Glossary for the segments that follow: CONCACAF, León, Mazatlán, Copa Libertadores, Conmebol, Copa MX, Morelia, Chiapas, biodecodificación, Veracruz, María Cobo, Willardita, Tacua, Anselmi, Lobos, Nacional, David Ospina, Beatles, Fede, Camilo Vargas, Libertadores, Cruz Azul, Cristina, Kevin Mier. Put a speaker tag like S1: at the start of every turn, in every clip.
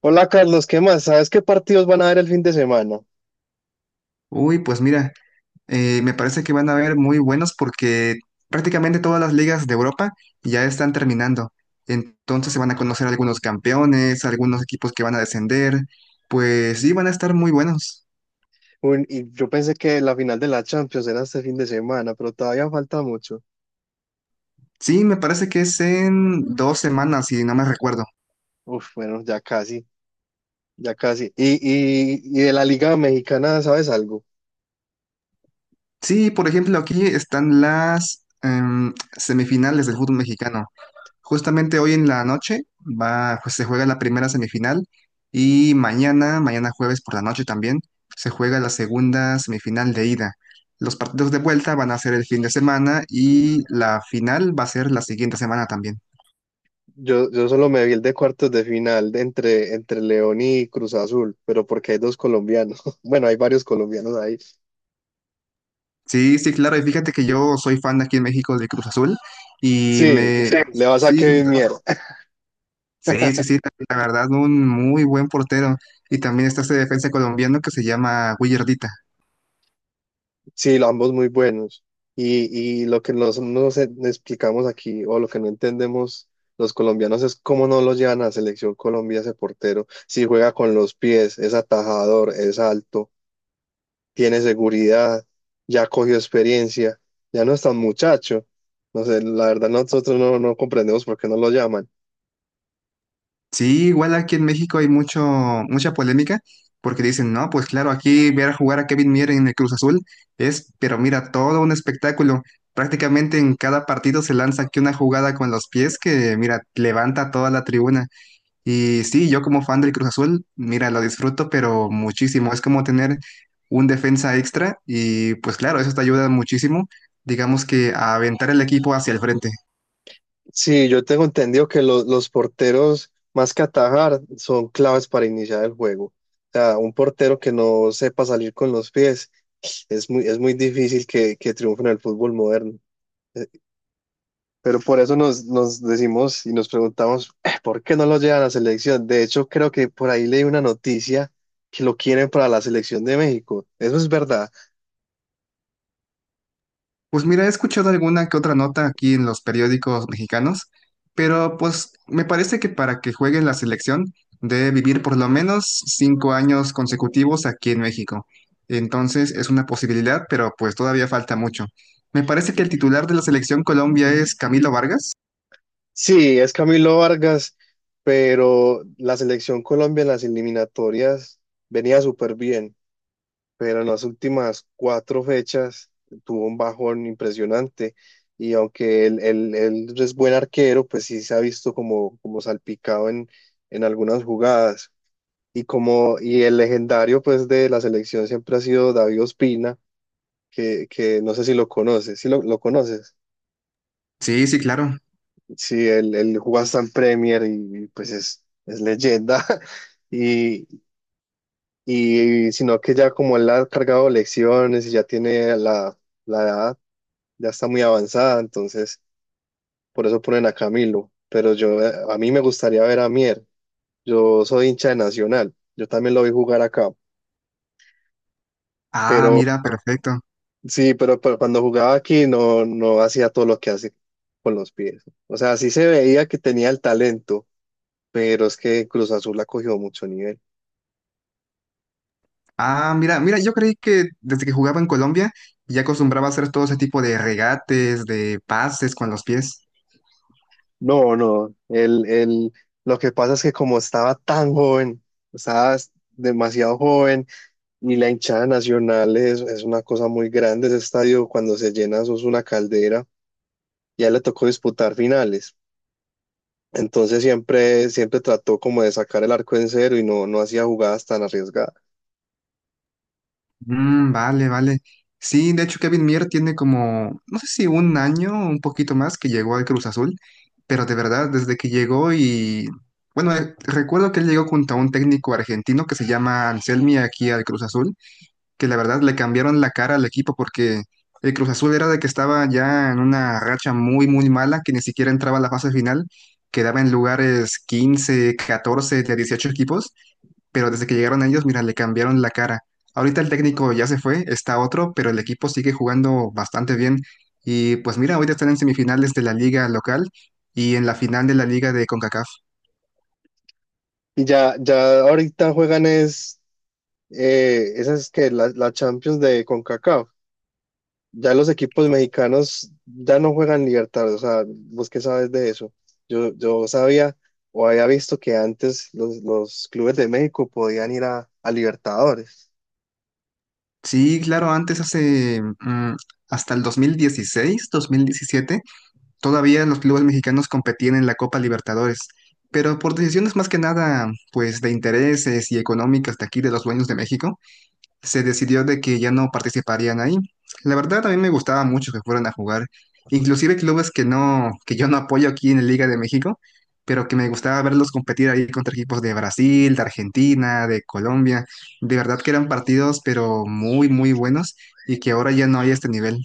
S1: Hola Carlos, ¿qué más? ¿Sabes qué partidos van a haber el fin de semana?
S2: Uy, pues mira, me parece que van a haber muy buenos porque prácticamente todas las ligas de Europa ya están terminando. Entonces se van a conocer algunos campeones, algunos equipos que van a descender. Pues sí, van a estar muy buenos.
S1: Y yo pensé que la final de la Champions era este fin de semana, pero todavía falta mucho.
S2: Sí, me parece que es en 2 semanas, si no me recuerdo.
S1: Uf, bueno, ya casi, ya casi. Y de la Liga Mexicana, ¿sabes algo?
S2: Sí, por ejemplo, aquí están las semifinales del fútbol mexicano. Justamente hoy en la noche pues se juega la primera semifinal y mañana jueves por la noche también, se juega la segunda semifinal de ida. Los partidos de vuelta van a ser el fin de semana y la final va a ser la siguiente semana también.
S1: Yo solo me vi el de cuartos de final de entre León y Cruz Azul, pero porque hay dos colombianos. Bueno, hay varios colombianos ahí.
S2: Sí, sí, claro, y fíjate que yo soy fan aquí en México de Cruz Azul
S1: Sí,
S2: Sí.
S1: le vas a
S2: Sí,
S1: Kevin Mier.
S2: sí, sí, sí, la verdad, un muy buen portero. Y también está este defensa colombiano que se llama Willardita.
S1: Sí, ambos muy buenos. Y lo que nos explicamos aquí, o lo que no entendemos los colombianos, es cómo no lo llevan a la selección Colombia ese portero. Si juega con los pies, es atajador, es alto, tiene seguridad, ya cogió experiencia, ya no es tan muchacho. No sé, la verdad nosotros no comprendemos por qué no lo llaman.
S2: Sí, igual aquí en México hay mucho, mucha polémica porque dicen, no, pues claro, aquí ver jugar a Kevin Mier en el Cruz Azul es, pero mira, todo un espectáculo. Prácticamente en cada partido se lanza aquí una jugada con los pies que, mira, levanta toda la tribuna. Y sí, yo como fan del Cruz Azul, mira, lo disfruto, pero muchísimo. Es como tener un defensa extra y pues claro, eso te ayuda muchísimo, digamos que a aventar el equipo hacia el frente.
S1: Sí, yo tengo entendido que los porteros, más que atajar, son claves para iniciar el juego. O sea, un portero que no sepa salir con los pies. Es muy difícil que triunfen en el fútbol moderno. Eh, Pero por eso nos decimos y nos preguntamos, ¿Por qué no lo llevan a la selección?" De hecho, creo que por ahí leí una noticia que lo quieren para la selección de México. Eso es verdad.
S2: Pues mira, he escuchado alguna que otra nota aquí en los periódicos mexicanos, pero pues me parece que para que juegue en la selección debe vivir por lo menos 5 años consecutivos aquí en México. Entonces es una posibilidad, pero pues todavía falta mucho. Me parece que el titular de la selección Colombia es Camilo Vargas.
S1: Sí, es Camilo Vargas, pero la selección Colombia en las eliminatorias venía súper bien, pero en las últimas cuatro fechas tuvo un bajón impresionante. Y aunque él es buen arquero, pues sí se ha visto como salpicado en algunas jugadas. Y el legendario pues de la selección siempre ha sido David Ospina, que no sé si lo conoces, si lo conoces.
S2: Sí, sí, claro.
S1: Sí, él jugó hasta en Premier y pues es leyenda. Y, y sino que ya como él ha cargado lecciones y ya tiene la edad, ya está muy avanzada, entonces por eso ponen a Camilo. Pero yo, a mí me gustaría ver a Mier. Yo soy hincha de Nacional, yo también lo vi jugar acá,
S2: Ah,
S1: pero
S2: mira, perfecto.
S1: sí, pero cuando jugaba aquí no hacía todo lo que hace con los pies. O sea, sí se veía que tenía el talento, pero es que Cruz Azul ha cogido mucho nivel.
S2: Ah, mira, mira, yo creí que desde que jugaba en Colombia ya acostumbraba a hacer todo ese tipo de regates, de pases con los pies.
S1: No, no, lo que pasa es que como estaba tan joven, estaba demasiado joven. Y la hinchada nacional es una cosa muy grande. Ese estadio, cuando se llena, eso es una caldera. Ya le tocó disputar finales. Entonces siempre trató como de sacar el arco en cero y no hacía jugadas tan arriesgadas.
S2: Mm, vale, vale. Sí, de hecho Kevin Mier tiene como, no sé si un año, un poquito más que llegó al Cruz Azul, pero de verdad, desde que llegó y, bueno, recuerdo que él llegó junto a un técnico argentino que se llama Anselmi aquí al Cruz Azul, que la verdad le cambiaron la cara al equipo porque el Cruz Azul era de que estaba ya en una racha muy, muy mala, que ni siquiera entraba a la fase final, quedaba en lugares 15 14 de 18 equipos, pero desde que llegaron ellos, mira, le cambiaron la cara. Ahorita el técnico ya se fue, está otro, pero el equipo sigue jugando bastante bien. Y pues mira, ahorita están en semifinales de la liga local y en la final de la liga de CONCACAF.
S1: Y ya, ya ahorita juegan esas que la Champions de CONCACAF. Ya los equipos mexicanos ya no juegan Libertadores. O sea, ¿vos qué sabes de eso? Yo sabía o había visto que antes los clubes de México podían ir a Libertadores.
S2: Sí, claro, antes hace hasta el 2016 2017 todavía los clubes mexicanos competían en la Copa Libertadores, pero por decisiones más que nada, pues de intereses y económicas de aquí de los dueños de México, se decidió de que ya no participarían ahí. La verdad, a mí me gustaba mucho que fueran a jugar, inclusive clubes que no, que yo no apoyo aquí en la Liga de México, pero que me gustaba verlos competir ahí contra equipos de Brasil, de Argentina, de Colombia. De verdad que eran partidos, pero muy, muy buenos y que ahora ya no hay este nivel.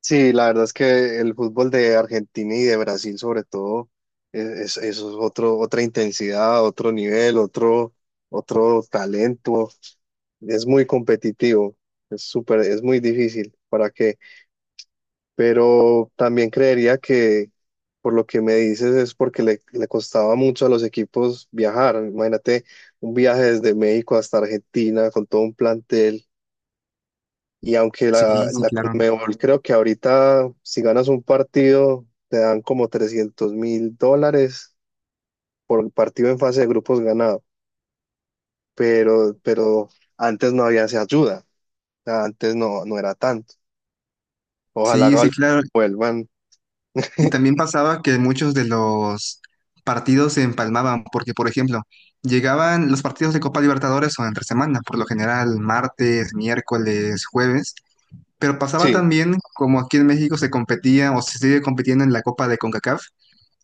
S1: Sí, la verdad es que el fútbol de Argentina y de Brasil sobre todo eso es otro, otra intensidad, otro nivel, otro talento. Es muy competitivo, es súper, es muy difícil, ¿para qué? Pero también creería que por lo que me dices es porque le costaba mucho a los equipos viajar. Imagínate un viaje desde México hasta Argentina con todo un plantel y aunque
S2: Sí,
S1: la,
S2: sí,
S1: la
S2: claro.
S1: Conmebol creo que ahorita si ganas un partido te dan como $300.000 por partido en fase de grupos ganado, pero antes no había esa ayuda, o sea, antes no era tanto. Ojalá
S2: Sí, sí, claro.
S1: vuelvan.
S2: Y también pasaba que muchos de los partidos se empalmaban, porque, por ejemplo, llegaban los partidos de Copa Libertadores o entre semana, por lo general martes, miércoles, jueves, pero pasaba
S1: Sí,
S2: también, como aquí en México se competía o se sigue compitiendo en la Copa de CONCACAF,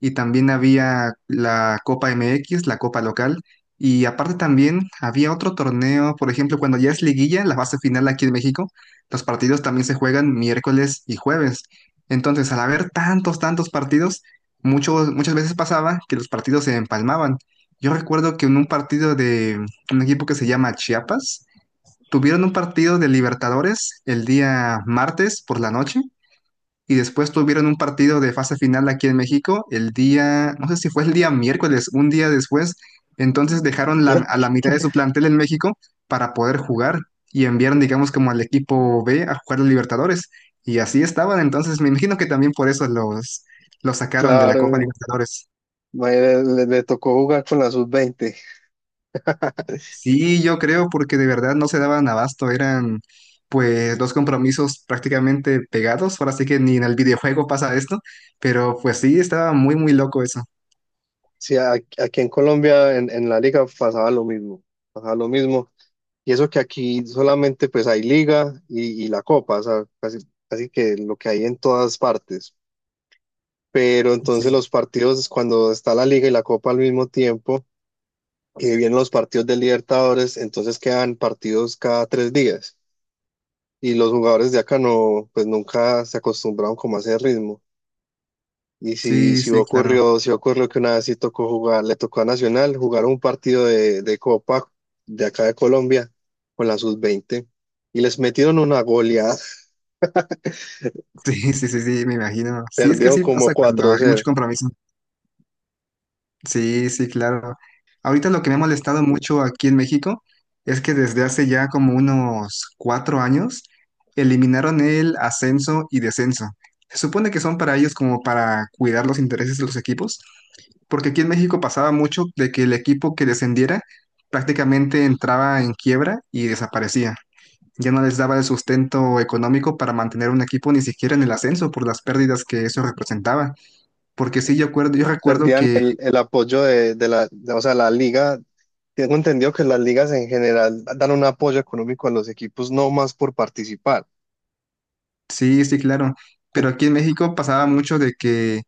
S2: y también había la Copa MX, la Copa local, y aparte también había otro torneo, por ejemplo, cuando ya es liguilla, la fase final aquí en México, los partidos también se juegan miércoles y jueves. Entonces, al haber tantos, tantos partidos, muchas veces pasaba que los partidos se empalmaban. Yo recuerdo que en un partido de un equipo que se llama Chiapas, tuvieron un partido de Libertadores el día martes por la noche y después tuvieron un partido de fase final aquí en México el día, no sé si fue el día miércoles, un día después. Entonces dejaron a la mitad de su plantel en México para poder jugar y enviaron, digamos, como al equipo B a jugar los Libertadores. Y así estaban. Entonces me imagino que también por eso los, sacaron de la Copa
S1: claro,
S2: Libertadores.
S1: tocó jugar con la sub-20.
S2: Sí, yo creo, porque de verdad no se daban abasto. Eran pues dos compromisos prácticamente pegados. Ahora sí que ni en el videojuego pasa esto. Pero pues sí, estaba muy, muy loco eso.
S1: Sí, aquí en Colombia en la liga pasaba lo mismo, pasaba lo mismo. Y eso que aquí solamente pues hay liga y la copa, o sea, casi, casi que lo que hay en todas partes. Pero entonces los partidos, cuando está la liga y la copa al mismo tiempo, y vienen los partidos de Libertadores, entonces quedan partidos cada 3 días. Y los jugadores de acá no, pues nunca se acostumbraron como a ese ritmo. Y si,
S2: Sí,
S1: si
S2: sí, claro.
S1: ocurrió, si ocurrió que una vez sí tocó jugar, le tocó a Nacional jugar un partido de copa de acá de Colombia con la sub-20 y les metieron una goleada.
S2: Sí, sí, sí, sí, me imagino. Sí, es que
S1: Perdieron
S2: así
S1: como
S2: pasa cuando
S1: 4
S2: hay mucho
S1: cero
S2: compromiso. Sí, sí, claro. Ahorita lo que me ha molestado mucho aquí en México es que desde hace ya como unos 4 años eliminaron el ascenso y descenso. Se supone que son para ellos como para cuidar los intereses de los equipos, porque aquí en México pasaba mucho de que el equipo que descendiera prácticamente entraba en quiebra y desaparecía. Ya no les daba el sustento económico para mantener un equipo ni siquiera en el ascenso por las pérdidas que eso representaba. Porque sí, yo recuerdo
S1: Perdían
S2: que
S1: el apoyo o sea, la liga. Tengo entendido que las ligas en general dan un apoyo económico a los equipos, no más por participar.
S2: sí, sí, claro. Pero
S1: En-
S2: aquí en México pasaba mucho de que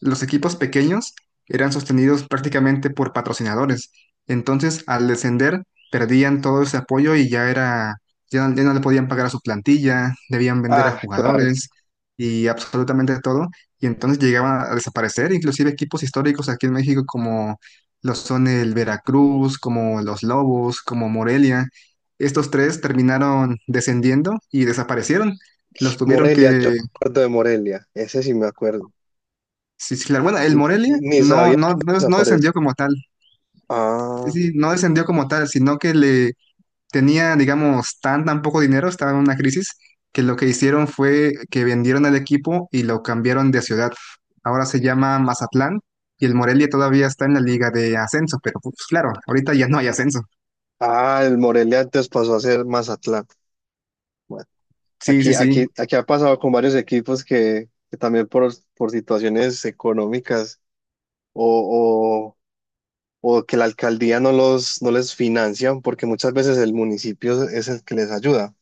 S2: los equipos pequeños eran sostenidos prácticamente por patrocinadores. Entonces, al descender, perdían todo ese apoyo y ya era, ya, no ya no le podían pagar a su plantilla, debían vender a
S1: Ah,
S2: jugadores y absolutamente todo. Y entonces llegaban a desaparecer, inclusive equipos históricos aquí en México como lo son el Veracruz, como los Lobos, como Morelia. Estos tres terminaron descendiendo y desaparecieron. Los tuvieron
S1: Morelia, yo
S2: que
S1: me acuerdo de Morelia, ese sí me acuerdo.
S2: sí, sí, claro. Bueno, el
S1: Y, y-
S2: Morelia
S1: y ni
S2: no,
S1: sabía
S2: no,
S1: que
S2: no, no
S1: desapareció.
S2: descendió como tal. Sí,
S1: Ah,
S2: sí, no descendió como tal, sino que le tenía, digamos, tan, tan poco dinero, estaba en una crisis, que lo que hicieron fue que vendieron el equipo y lo cambiaron de ciudad. Ahora se llama Mazatlán y el Morelia todavía está en la liga de ascenso, pero pues claro, ahorita ya no hay ascenso.
S1: ah, el Morelia antes pasó a ser Mazatlán. Bueno,
S2: Sí, sí,
S1: aquí,
S2: sí.
S1: aquí, aquí ha pasado con varios equipos que también por situaciones económicas o, o que la alcaldía no les financian porque muchas veces el municipio es el que les ayuda.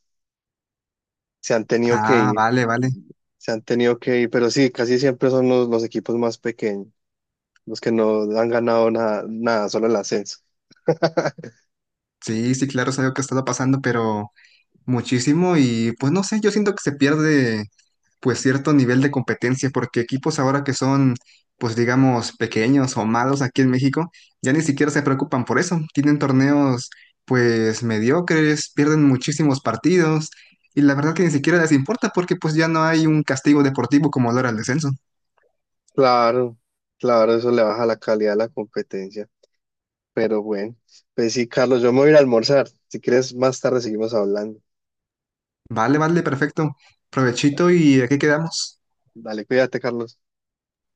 S1: Se han tenido que
S2: Ah,
S1: ir,
S2: vale, vale.
S1: se han tenido que ir, pero sí, casi siempre son los equipos más pequeños, los que no han ganado nada, nada, solo el ascenso.
S2: Sí, sí, claro, es algo que ha estado pasando, pero muchísimo y pues no sé, yo siento que se pierde pues cierto nivel de competencia, porque equipos ahora que son, pues digamos, pequeños o malos aquí en México, ya ni siquiera se preocupan por eso. Tienen torneos, pues mediocres, pierden muchísimos partidos y la verdad que ni siquiera les importa porque pues ya no hay un castigo deportivo como lo era el descenso.
S1: Claro, claro, eso le baja la calidad a la competencia. Pero bueno, pues sí, Carlos, yo me voy a ir a almorzar. Si quieres, más tarde seguimos hablando.
S2: Vale, vale, perfecto. Provechito y aquí quedamos.
S1: Dale, cuídate, Carlos.